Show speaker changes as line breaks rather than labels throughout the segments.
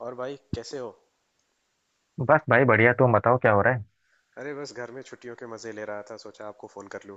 और भाई कैसे हो?
बस भाई बढ़िया। तुम बताओ क्या हो रहा है।
अरे बस घर में छुट्टियों के मजे ले रहा था, सोचा आपको फोन कर लूं।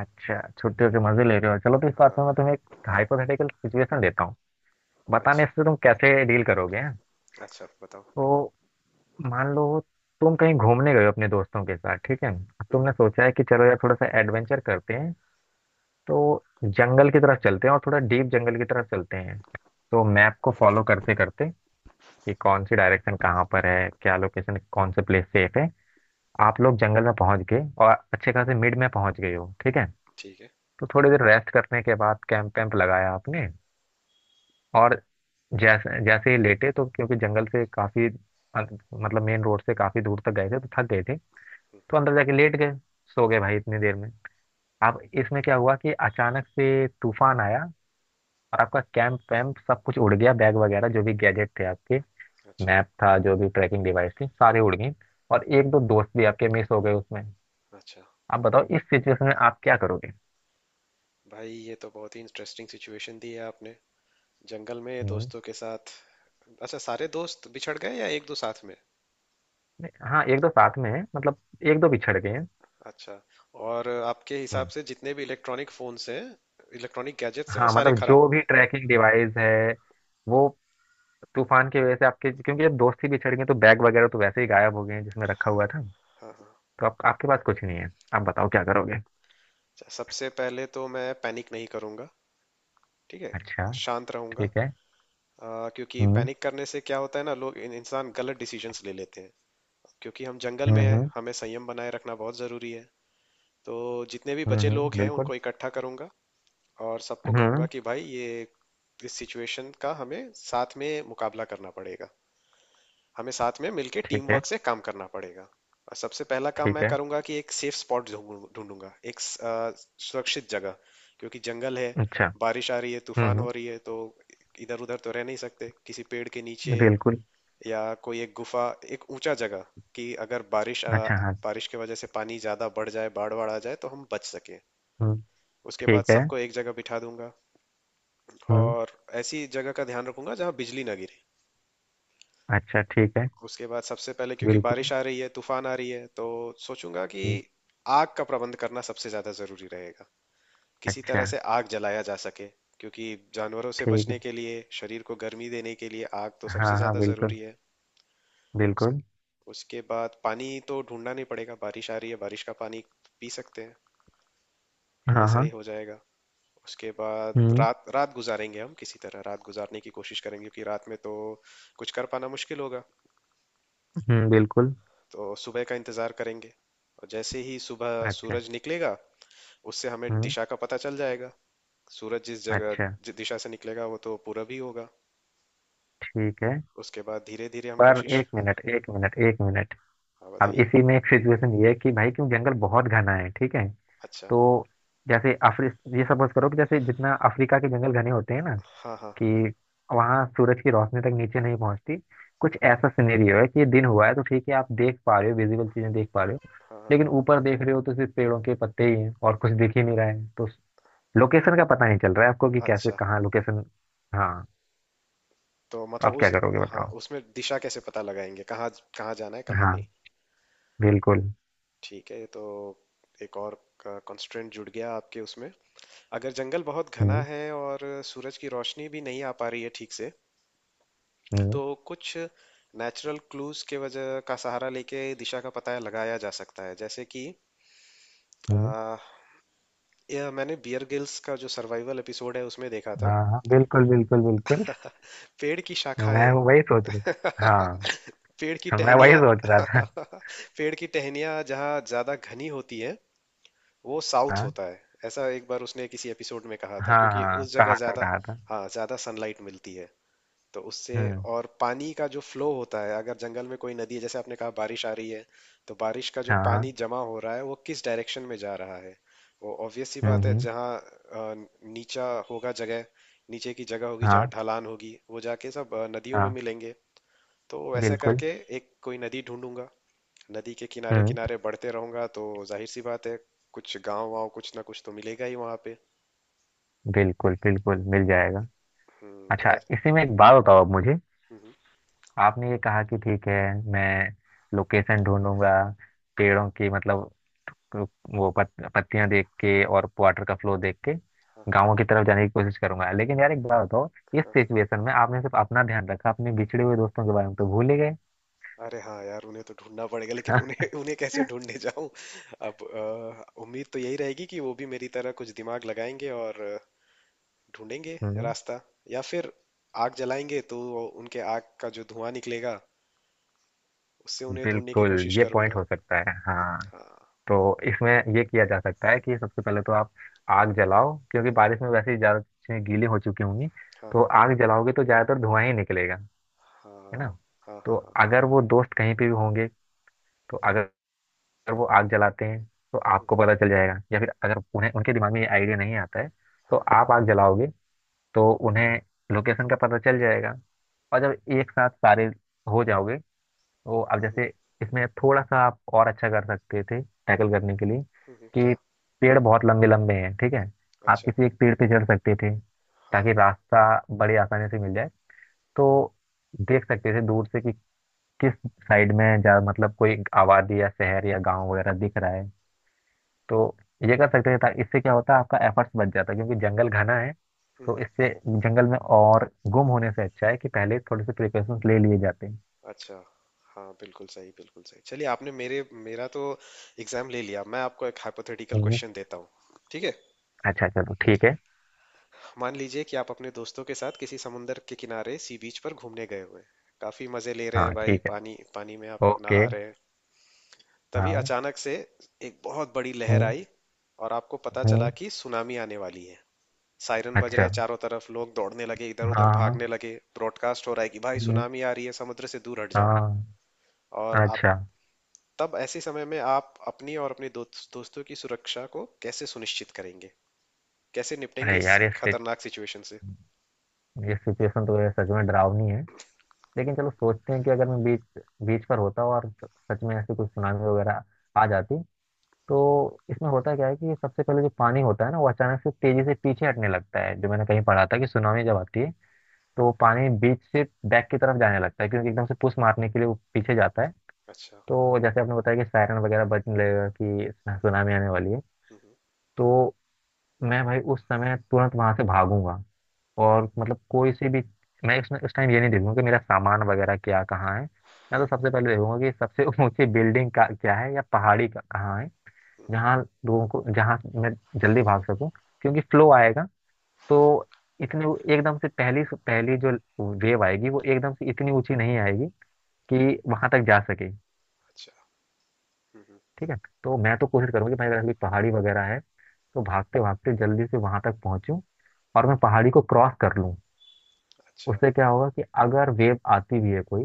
अच्छा, छुट्टियों के मजे ले रहे हो। चलो तो इस बात
हाँ।
में मैं तुम्हें एक हाइपोथेटिकल सिचुएशन देता हूँ, बताने
अच्छा,
से तुम कैसे डील करोगे हैं?
अच्छा बताओ।
तो मान लो, तुम कहीं घूमने गए हो अपने दोस्तों के साथ, ठीक है। अब
हम्म।
तुमने सोचा है कि चलो यार थोड़ा सा एडवेंचर करते हैं, तो जंगल की तरफ चलते हैं और थोड़ा डीप जंगल की तरफ चलते हैं। तो मैप को फॉलो करते करते कि कौन सी डायरेक्शन कहाँ पर है, क्या लोकेशन, कौन से प्लेस सेफ है, आप लोग जंगल में पहुंच गए और अच्छे खासे मिड में पहुंच गए हो, ठीक है।
ठीक है।
तो थोड़ी देर रेस्ट करने के बाद कैंप वैम्प लगाया आपने और जैसे जैसे ही लेटे, तो क्योंकि जंगल से काफी मतलब मेन रोड से काफी दूर तक गए थे तो थक गए थे। तो
हम्म।
अंदर जाके लेट गए, सो गए भाई। इतनी देर में अब इसमें क्या हुआ कि अचानक से तूफान आया और आपका कैंप वैम्प सब कुछ उड़ गया। बैग वगैरह जो भी गैजेट थे आपके,
अच्छा।
मैप था, जो भी ट्रैकिंग डिवाइस थी, सारे उड़ गए। और एक दो दोस्त भी आपके मिस हो गए उसमें।
अच्छा,
आप बताओ, इस सिचुएशन में आप क्या करोगे।
भाई ये तो बहुत ही इंटरेस्टिंग सिचुएशन दी है आपने। जंगल में
हम्म।
दोस्तों के साथ। अच्छा, सारे दोस्त बिछड़ गए या एक दो साथ में?
हाँ, एक दो साथ में है, मतलब एक दो बिछड़ गए
अच्छा। और आपके हिसाब
हैं।
से जितने भी इलेक्ट्रॉनिक फोन्स हैं, इलेक्ट्रॉनिक गैजेट्स हैं वो
हाँ,
सारे
मतलब
खराब
जो
हो
भी
गए?
ट्रैकिंग डिवाइस है, वो तूफान की वजह से आपके, क्योंकि जब दोस्ती बिछड़ गई तो बैग वगैरह तो वैसे ही गायब हो गए हैं जिसमें रखा
हाँ।
हुआ था।
हाँ हाँ।
तो आप, आपके पास कुछ नहीं है, आप बताओ क्या करोगे।
अच्छा, सबसे पहले तो मैं पैनिक नहीं करूंगा। ठीक है।
अच्छा।
शांत रहूंगा।
ठीक है।
क्योंकि
हम्म।
पैनिक करने से क्या होता है ना, लोग इंसान गलत डिसीजंस ले लेते हैं। क्योंकि हम जंगल
हम्म।
में हैं,
हम्म।
हमें संयम बनाए रखना बहुत ज़रूरी है। तो जितने भी बचे
हम्म,
लोग हैं
बिल्कुल।
उनको इकट्ठा करूंगा। और सबको कहूंगा
हम्म।
कि भाई ये इस सिचुएशन का हमें साथ में मुकाबला करना पड़ेगा। हमें साथ में मिलके टीम
ठीक है।
वर्क से काम करना पड़ेगा। और सबसे पहला काम
ठीक
मैं
है।
करूंगा कि एक सेफ स्पॉट ढूंढूंगा, एक सुरक्षित जगह। क्योंकि जंगल है,
अच्छा।
बारिश आ रही है,
हम्म।
तूफान हो रही है, तो इधर उधर तो रह नहीं सकते किसी पेड़ के नीचे।
बिल्कुल।
या कोई एक गुफा, एक ऊंचा जगह, कि अगर
अच्छा, हाँ।
बारिश की वजह से पानी ज्यादा बढ़ जाए, बाढ़ बाढ़ आ जाए तो हम बच सके।
हम्म।
उसके बाद
ठीक है।
सबको एक जगह बिठा दूंगा।
हम्म।
और ऐसी जगह का ध्यान रखूंगा जहां बिजली ना गिरे।
अच्छा, ठीक है।
उसके बाद सबसे पहले, क्योंकि
बिल्कुल।
बारिश आ रही है तूफान आ रही है, तो सोचूंगा कि
हम्म।
आग का प्रबंध करना सबसे ज्यादा जरूरी रहेगा। किसी
अच्छा,
तरह से आग जलाया जा सके। क्योंकि जानवरों से
ठीक
बचने
है।
के लिए, शरीर को गर्मी देने के लिए आग तो सबसे
हाँ हाँ,
ज्यादा
बिल्कुल।
जरूरी है। उस
बिल्कुल।
उसके बाद पानी तो ढूंढना नहीं पड़ेगा, बारिश आ रही है, बारिश का पानी पी सकते हैं। ये
हाँ
सही
हाँ।
हो जाएगा। उसके बाद
हम्म।
रात रात गुजारेंगे हम, किसी तरह रात गुजारने की कोशिश करेंगे, क्योंकि रात में तो कुछ कर पाना मुश्किल होगा।
हम्म, बिल्कुल।
तो सुबह का इंतजार करेंगे। और जैसे ही सुबह
अच्छा।
सूरज निकलेगा, उससे हमें दिशा का पता चल जाएगा। सूरज
अच्छा,
जिस दिशा से निकलेगा वो तो पूरब ही होगा।
ठीक है।
उसके बाद धीरे धीरे हम
पर
कोशिश।
एक मिनट, एक मिनट, एक मिनट।
हाँ,
अब
बताइए।
इसी में एक सिचुएशन ये है कि भाई क्यों जंगल बहुत घना है, ठीक है।
अच्छा।
तो जैसे अफ्री ये सपोज करो कि जैसे जितना अफ्रीका के जंगल घने होते हैं ना,
हाँ हाँ
कि वहाँ सूरज की रोशनी तक नीचे नहीं पहुँचती। कुछ
हाँ।
ऐसा सिनेरियो है कि दिन हुआ है तो ठीक है, आप देख पा रहे हो, विजिबल चीजें देख पा रहे हो।
हाँ
लेकिन
हाँ।
ऊपर देख रहे हो तो सिर्फ पेड़ों के पत्ते ही हैं और कुछ दिख ही नहीं रहा है, तो लोकेशन का पता नहीं चल रहा है आपको कि कैसे,
अच्छा,
कहाँ लोकेशन। हाँ,
तो
तो
मतलब
आप क्या
उस।
करोगे
हाँ,
बताओ।
उसमें दिशा कैसे पता लगाएंगे, कहाँ कहाँ जाना है कहाँ नहीं?
हाँ, बिल्कुल।
ठीक है, तो एक और कंस्ट्रेंट जुड़ गया आपके उसमें। अगर जंगल बहुत घना
हम्म।
है और सूरज की रोशनी भी नहीं आ पा रही है ठीक से,
हम्म।
तो कुछ नेचुरल क्लूज के वजह का सहारा लेके दिशा का पता लगाया जा सकता है, जैसे कि
हम्म।
आ, यह मैंने बियर गिल्स का जो सर्वाइवल एपिसोड है उसमें देखा था।
हाँ, हाँ बिल्कुल, बिल्कुल बिल्कुल।
पेड़ की
मैं
शाखाएं।
वही सोच रहा था।
पेड़ की
हाँ। मैं वही
टहनियाँ।
सोच रहा था।
पेड़ की टहनियाँ जहाँ ज्यादा घनी होती है वो साउथ
हाँ
होता है, ऐसा एक बार उसने किसी एपिसोड में कहा था,
हाँ
क्योंकि
हाँ,
उस
कहा
जगह
था,
ज्यादा।
कहा था।
हाँ, ज्यादा सनलाइट मिलती है, तो उससे।
हम्म।
और पानी का जो फ्लो होता है, अगर जंगल में कोई नदी है, जैसे आपने कहा बारिश आ रही है, तो बारिश का जो
हाँ। हाँ।
पानी जमा हो रहा है वो किस डायरेक्शन में जा रहा है। वो ऑब्वियस सी
हम्म।
बात है, जहाँ नीचा होगा जगह, नीचे की जगह होगी जहाँ
हाँ
ढलान होगी वो जाके सब नदियों में
हाँ
मिलेंगे। तो ऐसे
बिल्कुल।
करके एक कोई नदी ढूंढूंगा। नदी के किनारे
हम्म।
किनारे बढ़ते रहूंगा तो जाहिर सी बात है, कुछ गांव वाँव कुछ ना कुछ तो मिलेगा ही वहां पे।
बिल्कुल। बिल्कुल मिल जाएगा।
तो
अच्छा,
ऐस-।
इसी में एक बात बताओ अब मुझे।
हम्म।
आपने ये कहा कि ठीक है, मैं लोकेशन ढूंढूंगा, पेड़ों की मतलब, तो वो पत्तियां देख के और वाटर का फ्लो देख के
हाँ हाँ
गाँव की तरफ जाने की कोशिश करूंगा। लेकिन यार एक बात बताओ, इस
हाँ।
सिचुएशन में आपने सिर्फ अपना ध्यान रखा, अपने बिछड़े हुए दोस्तों के बारे में तो भूल ही गए।
अरे हाँ यार, उन्हें तो ढूंढना पड़ेगा, लेकिन उन्हें उन्हें कैसे ढूंढने जाऊं। अब, उम्मीद तो यही रहेगी कि वो भी मेरी तरह कुछ दिमाग लगाएंगे और ढूंढेंगे
हम्म,
रास्ता। या फिर आग जलाएंगे तो उनके आग का जो धुआं निकलेगा, उससे उन्हें ढूंढने की
बिल्कुल।
कोशिश
ये पॉइंट
करूंगा।
हो सकता है, हाँ।
हाँ
तो इसमें ये किया जा सकता है कि सबसे पहले तो आप आग जलाओ, क्योंकि बारिश में वैसे ही ज्यादा चीजें गीली हो चुकी होंगी,
हाँ
तो
हाँ
आग जलाओगे तो ज्यादातर धुआं ही निकलेगा, है
हाँ
ना।
हाँ हाँ
तो
हाँ
अगर वो दोस्त कहीं पे भी होंगे, तो अगर, अगर वो आग जलाते हैं तो आपको पता चल जाएगा, या फिर अगर उन्हें, उनके दिमाग में ये आइडिया नहीं आता है तो
हाँ हाँ
आप आग जलाओगे तो उन्हें लोकेशन का पता चल जाएगा। और जब एक साथ सारे हो जाओगे, तो अब
हाँ।
जैसे, इसमें थोड़ा सा आप और अच्छा कर सकते थे टैकल करने के लिए कि
क्या?
पेड़ बहुत लंबे लंबे हैं, ठीक है। आप
अच्छा।
किसी एक पेड़ पे चढ़ सकते थे
हाँ।
ताकि रास्ता बड़ी आसानी से मिल जाए। तो देख सकते थे दूर से कि किस साइड में जा, मतलब कोई आबादी या शहर या गांव वगैरह दिख रहा है। तो ये कर सकते हैं। इससे क्या होता है, आपका एफर्ट्स बच जाता है, क्योंकि जंगल घना है। तो
हम्म।
इससे जंगल में और गुम होने से अच्छा है कि पहले थोड़े से प्रिकॉशंस ले लिए जाते हैं।
अच्छा। हाँ, बिल्कुल सही, बिल्कुल सही। चलिए, आपने मेरे मेरा तो एग्जाम ले लिया। मैं आपको एक हाइपोथेटिकल
हम्म। हम्म।
क्वेश्चन देता हूँ। ठीक है।
अच्छा चलो, ठीक है।
मान लीजिए कि आप अपने दोस्तों के साथ किसी समुंदर के किनारे सी बीच पर घूमने गए हुए हैं। काफी मजे ले रहे
हाँ
हैं भाई,
ठीक है।
पानी पानी में आप लोग
ओके।
नहा रहे हैं। तभी
हाँ।
अचानक से एक बहुत बड़ी लहर
हम्म।
आई। और आपको पता चला
हम्म।
कि सुनामी आने वाली है। सायरन बज रहे
अच्छा।
चारों तरफ, लोग दौड़ने लगे, इधर
हाँ
उधर
हाँ।
भागने लगे, ब्रॉडकास्ट हो रहा है कि भाई
हम्म,
सुनामी आ रही है, समुद्र से दूर हट जाओ।
हाँ।
और आप,
अच्छा।
तब ऐसे समय में आप अपनी और अपने दोस्तों की सुरक्षा को कैसे सुनिश्चित करेंगे, कैसे निपटेंगे
अरे
इस
यार
खतरनाक सिचुएशन से?
ये सिचुएशन तो यार सच में डरावनी है। लेकिन चलो सोचते हैं कि अगर मैं बीच बीच पर होता और सच में ऐसी कोई सुनामी वगैरह आ जाती, तो इसमें होता क्या है कि सबसे पहले जो पानी होता है ना, वो अचानक से तेजी से पीछे हटने लगता है। जो मैंने कहीं पढ़ा था कि सुनामी जब आती है, तो वो
हम्म।
पानी बीच से बैक की तरफ जाने लगता है, क्योंकि एकदम से पुश मारने के लिए वो पीछे जाता है।
अच्छा।
तो जैसे आपने बताया कि सायरन वगैरह बजने लगेगा कि सुनामी आने वाली है,
हम्म,
तो मैं भाई उस समय तुरंत वहां से भागूंगा।
हम्म,
और मतलब कोई से भी, मैं उस टाइम ये नहीं देखूंगा कि मेरा सामान वगैरह क्या, कहाँ है। मैं तो सबसे पहले देखूंगा कि सबसे ऊंची बिल्डिंग का क्या है या पहाड़ी का कहाँ है,
हम्म।
जहाँ लोगों को, जहाँ मैं जल्दी भाग सकूं। क्योंकि फ्लो आएगा तो इतने वो एकदम से पहली पहली जो वेव आएगी, वो एकदम से इतनी ऊंची नहीं आएगी कि वहां तक जा सके,
अच्छा। हम्म।
ठीक है। तो मैं तो कोशिश करूंगी भाई, अगर कोई पहाड़ी वगैरह है तो भागते भागते जल्दी से वहां तक पहुंचूं और मैं पहाड़ी को क्रॉस कर लूं।
अच्छा।
उससे क्या होगा कि अगर वेव आती भी है कोई,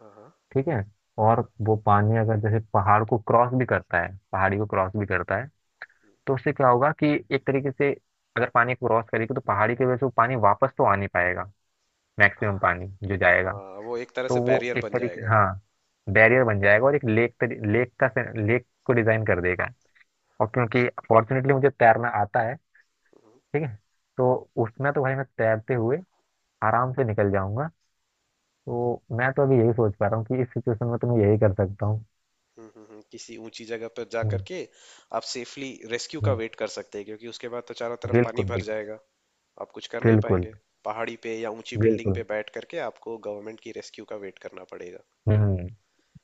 हाँ हाँ
ठीक है, और
हाँ
वो पानी अगर जैसे पहाड़ को क्रॉस भी करता है, पहाड़ी को क्रॉस भी करता है, तो उससे क्या होगा कि एक तरीके से, अगर पानी क्रॉस करेगी तो पहाड़ी की वजह से वो पानी वापस तो आ नहीं पाएगा। मैक्सिमम पानी जो
हाँ
जाएगा,
हाँ, वो एक तरह
तो
से
वो
बैरियर
एक
बन
तरीके,
जाएगा।
हाँ, बैरियर बन जाएगा और एक लेक लेक का, लेक को डिजाइन कर देगा। और क्योंकि
अच्छा।
फॉर्चुनेटली मुझे तैरना आता है, ठीक है, तो उसमें तो भाई मैं तैरते हुए आराम से निकल जाऊंगा। तो मैं तो अभी यही सोच पा रहा हूँ कि इस सिचुएशन में तो मैं यही कर सकता हूँ।
किसी ऊंची जगह पर जा
हम्म,
करके आप सेफली रेस्क्यू का
हम्म,
वेट कर सकते हैं, क्योंकि उसके बाद तो चारों तरफ पानी
बिल्कुल
भर
बिल्कुल।
जाएगा। आप कुछ कर नहीं
बिल्कुल।
पाएंगे। पहाड़ी पे या ऊंची बिल्डिंग
बिल्कुल।
पे बैठ करके आपको गवर्नमेंट की रेस्क्यू का वेट करना पड़ेगा।
हम्म।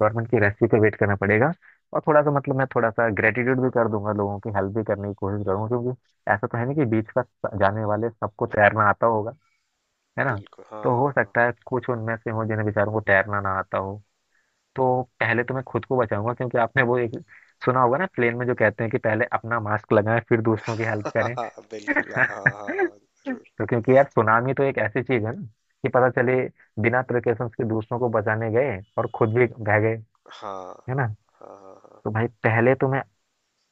गवर्नमेंट की रेस्क्यू पे वेट करना पड़ेगा। और थोड़ा सा, मतलब मैं थोड़ा सा ग्रेटिट्यूड भी कर दूंगा, लोगों की हेल्प भी करने की कोशिश करूंगा, क्योंकि ऐसा तो है नहीं कि बीच का जाने वाले सबको तैरना आता होगा, है ना।
बिल्कुल, हाँ
तो
हाँ
हो
हाँ।
सकता है कुछ उनमें से हो जिन्हें, बेचारों को तैरना ना आता हो। तो पहले तो मैं खुद को बचाऊंगा, क्योंकि आपने वो एक सुना होगा ना, प्लेन में जो कहते हैं कि पहले अपना मास्क लगाएं फिर दूसरों की हेल्प करें।
हाँ, बिल्कुल, हाँ हाँ हाँ, हाँ। जरूर।
तो क्योंकि यार सुनामी तो एक ऐसी चीज है ना, कि पता चले बिना प्रिकॉशंस के दूसरों को बचाने गए और खुद भी बह गए,
हाँ
है ना।
हाँ हाँ हाँ।
तो भाई पहले तो मैं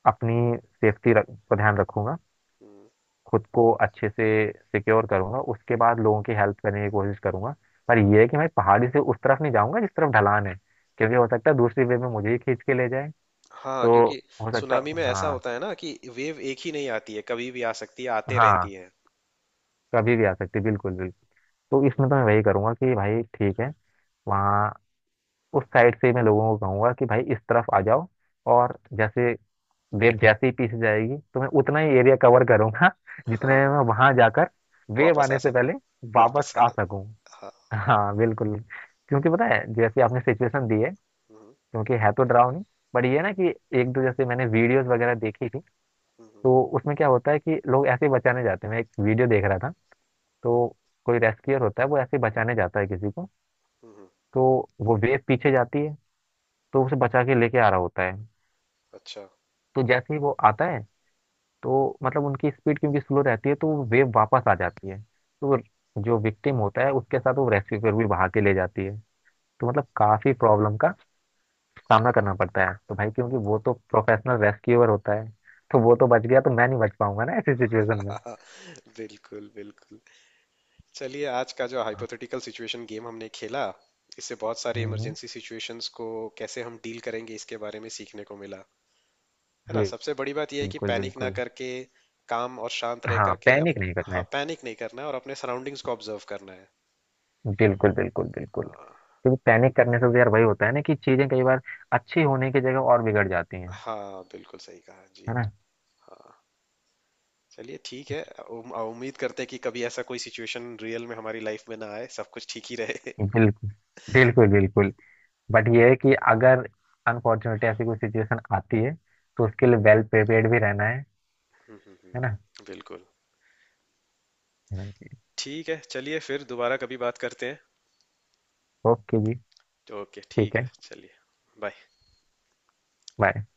अपनी सेफ्टी रख को ध्यान रखूंगा,
हम्म।
खुद को अच्छे से सिक्योर करूंगा, उसके बाद लोगों की हेल्प करने की कोशिश करूंगा। पर यह है कि मैं पहाड़ी से उस तरफ नहीं जाऊंगा जिस तरफ ढलान है, क्योंकि हो सकता है दूसरी वे में मुझे ही खींच के ले जाए।
हाँ,
तो
क्योंकि
हो सकता
सुनामी
है,
में ऐसा
हाँ।
होता है ना कि वेव एक ही नहीं आती है, कभी भी आ सकती है, आते रहती
हाँ
है।
कभी भी आ सकती है, बिल्कुल बिल्कुल। तो
हम्म।
इसमें तो मैं वही करूंगा कि भाई ठीक है, वहाँ उस साइड से मैं लोगों को कहूंगा कि भाई इस तरफ आ जाओ। और जैसे वेव जैसे ही पीछे जाएगी, तो मैं उतना ही एरिया कवर करूंगा
हाँ
जितने
हाँ,
में
हाँ,
मैं वहां जाकर वेव
वापस आ
आने से
सकूं।
पहले वापस
वापस
आ
आ।
सकूं।
हाँ।
हाँ, बिल्कुल। क्योंकि पता है, जैसे आपने सिचुएशन दी है,
हम्म,
क्योंकि है तो डरावनी, बट ये ना कि, एक दो जैसे मैंने वीडियोस वगैरह देखी थी,
हम्म,
तो उसमें क्या होता है कि लोग ऐसे ही बचाने जाते हैं। मैं एक वीडियो देख रहा था, तो कोई रेस्क्यूअर होता है, वो ऐसे ही बचाने जाता है किसी को।
हम्म।
तो वो वेव पीछे जाती है, तो उसे बचा के लेके आ रहा होता है।
अच्छा।
तो जैसे ही वो आता है, तो मतलब उनकी स्पीड क्योंकि स्लो रहती है, तो वो वेव वापस आ जाती है, तो जो विक्टिम होता है, उसके साथ वो रेस्क्यू भी बहा के ले जाती है। तो मतलब काफी प्रॉब्लम का सामना करना पड़ता है। तो भाई क्योंकि वो तो प्रोफेशनल रेस्क्यूअर होता है, तो वो तो बच गया, तो मैं नहीं बच पाऊंगा ना ऐसी सिचुएशन में।
बिल्कुल बिल्कुल। चलिए, आज का जो
हाँ,
हाइपोथेटिकल सिचुएशन गेम हमने खेला, इससे बहुत सारे
हम्म।
इमरजेंसी सिचुएशंस को कैसे हम डील करेंगे इसके बारे में सीखने को मिला। है ना,
बिल-
सबसे बड़ी बात यह है कि
बिल्कुल,
पैनिक ना
बिल्कुल।
करके, काम और शांत रह
हाँ,
करके
पैनिक
अपने।
नहीं करना
हाँ,
है।
पैनिक नहीं करना है और अपने सराउंडिंग्स को ऑब्जर्व करना है।
बिल्कुल, बिल्कुल,
अ,
बिल्कुल, क्योंकि पैनिक करने से तो यार वही होता है ना कि चीजें कई बार अच्छी होने की जगह और बिगड़ जाती हैं,
हाँ बिल्कुल सही कहा जी।
है ना।
चलिए, ठीक है। उम्मीद करते हैं कि कभी ऐसा कोई सिचुएशन रियल में हमारी लाइफ में ना आए, सब कुछ ठीक ही रहे।
बिल्कुल, बिल्कुल। बिल्कुल बट ये है कि अगर अनफॉर्चुनेटली ऐसी कोई सिचुएशन आती है, तो उसके लिए वेल प्रिपेयर्ड भी रहना है
हम्म, हम्म,
है ना।
हम्म, बिल्कुल।
हाँ जी।
ठीक है, चलिए, फिर दोबारा कभी बात करते हैं।
ओके जी।
ओके, ठीक
ठीक
है,
है।
चलिए। बाय।
bye।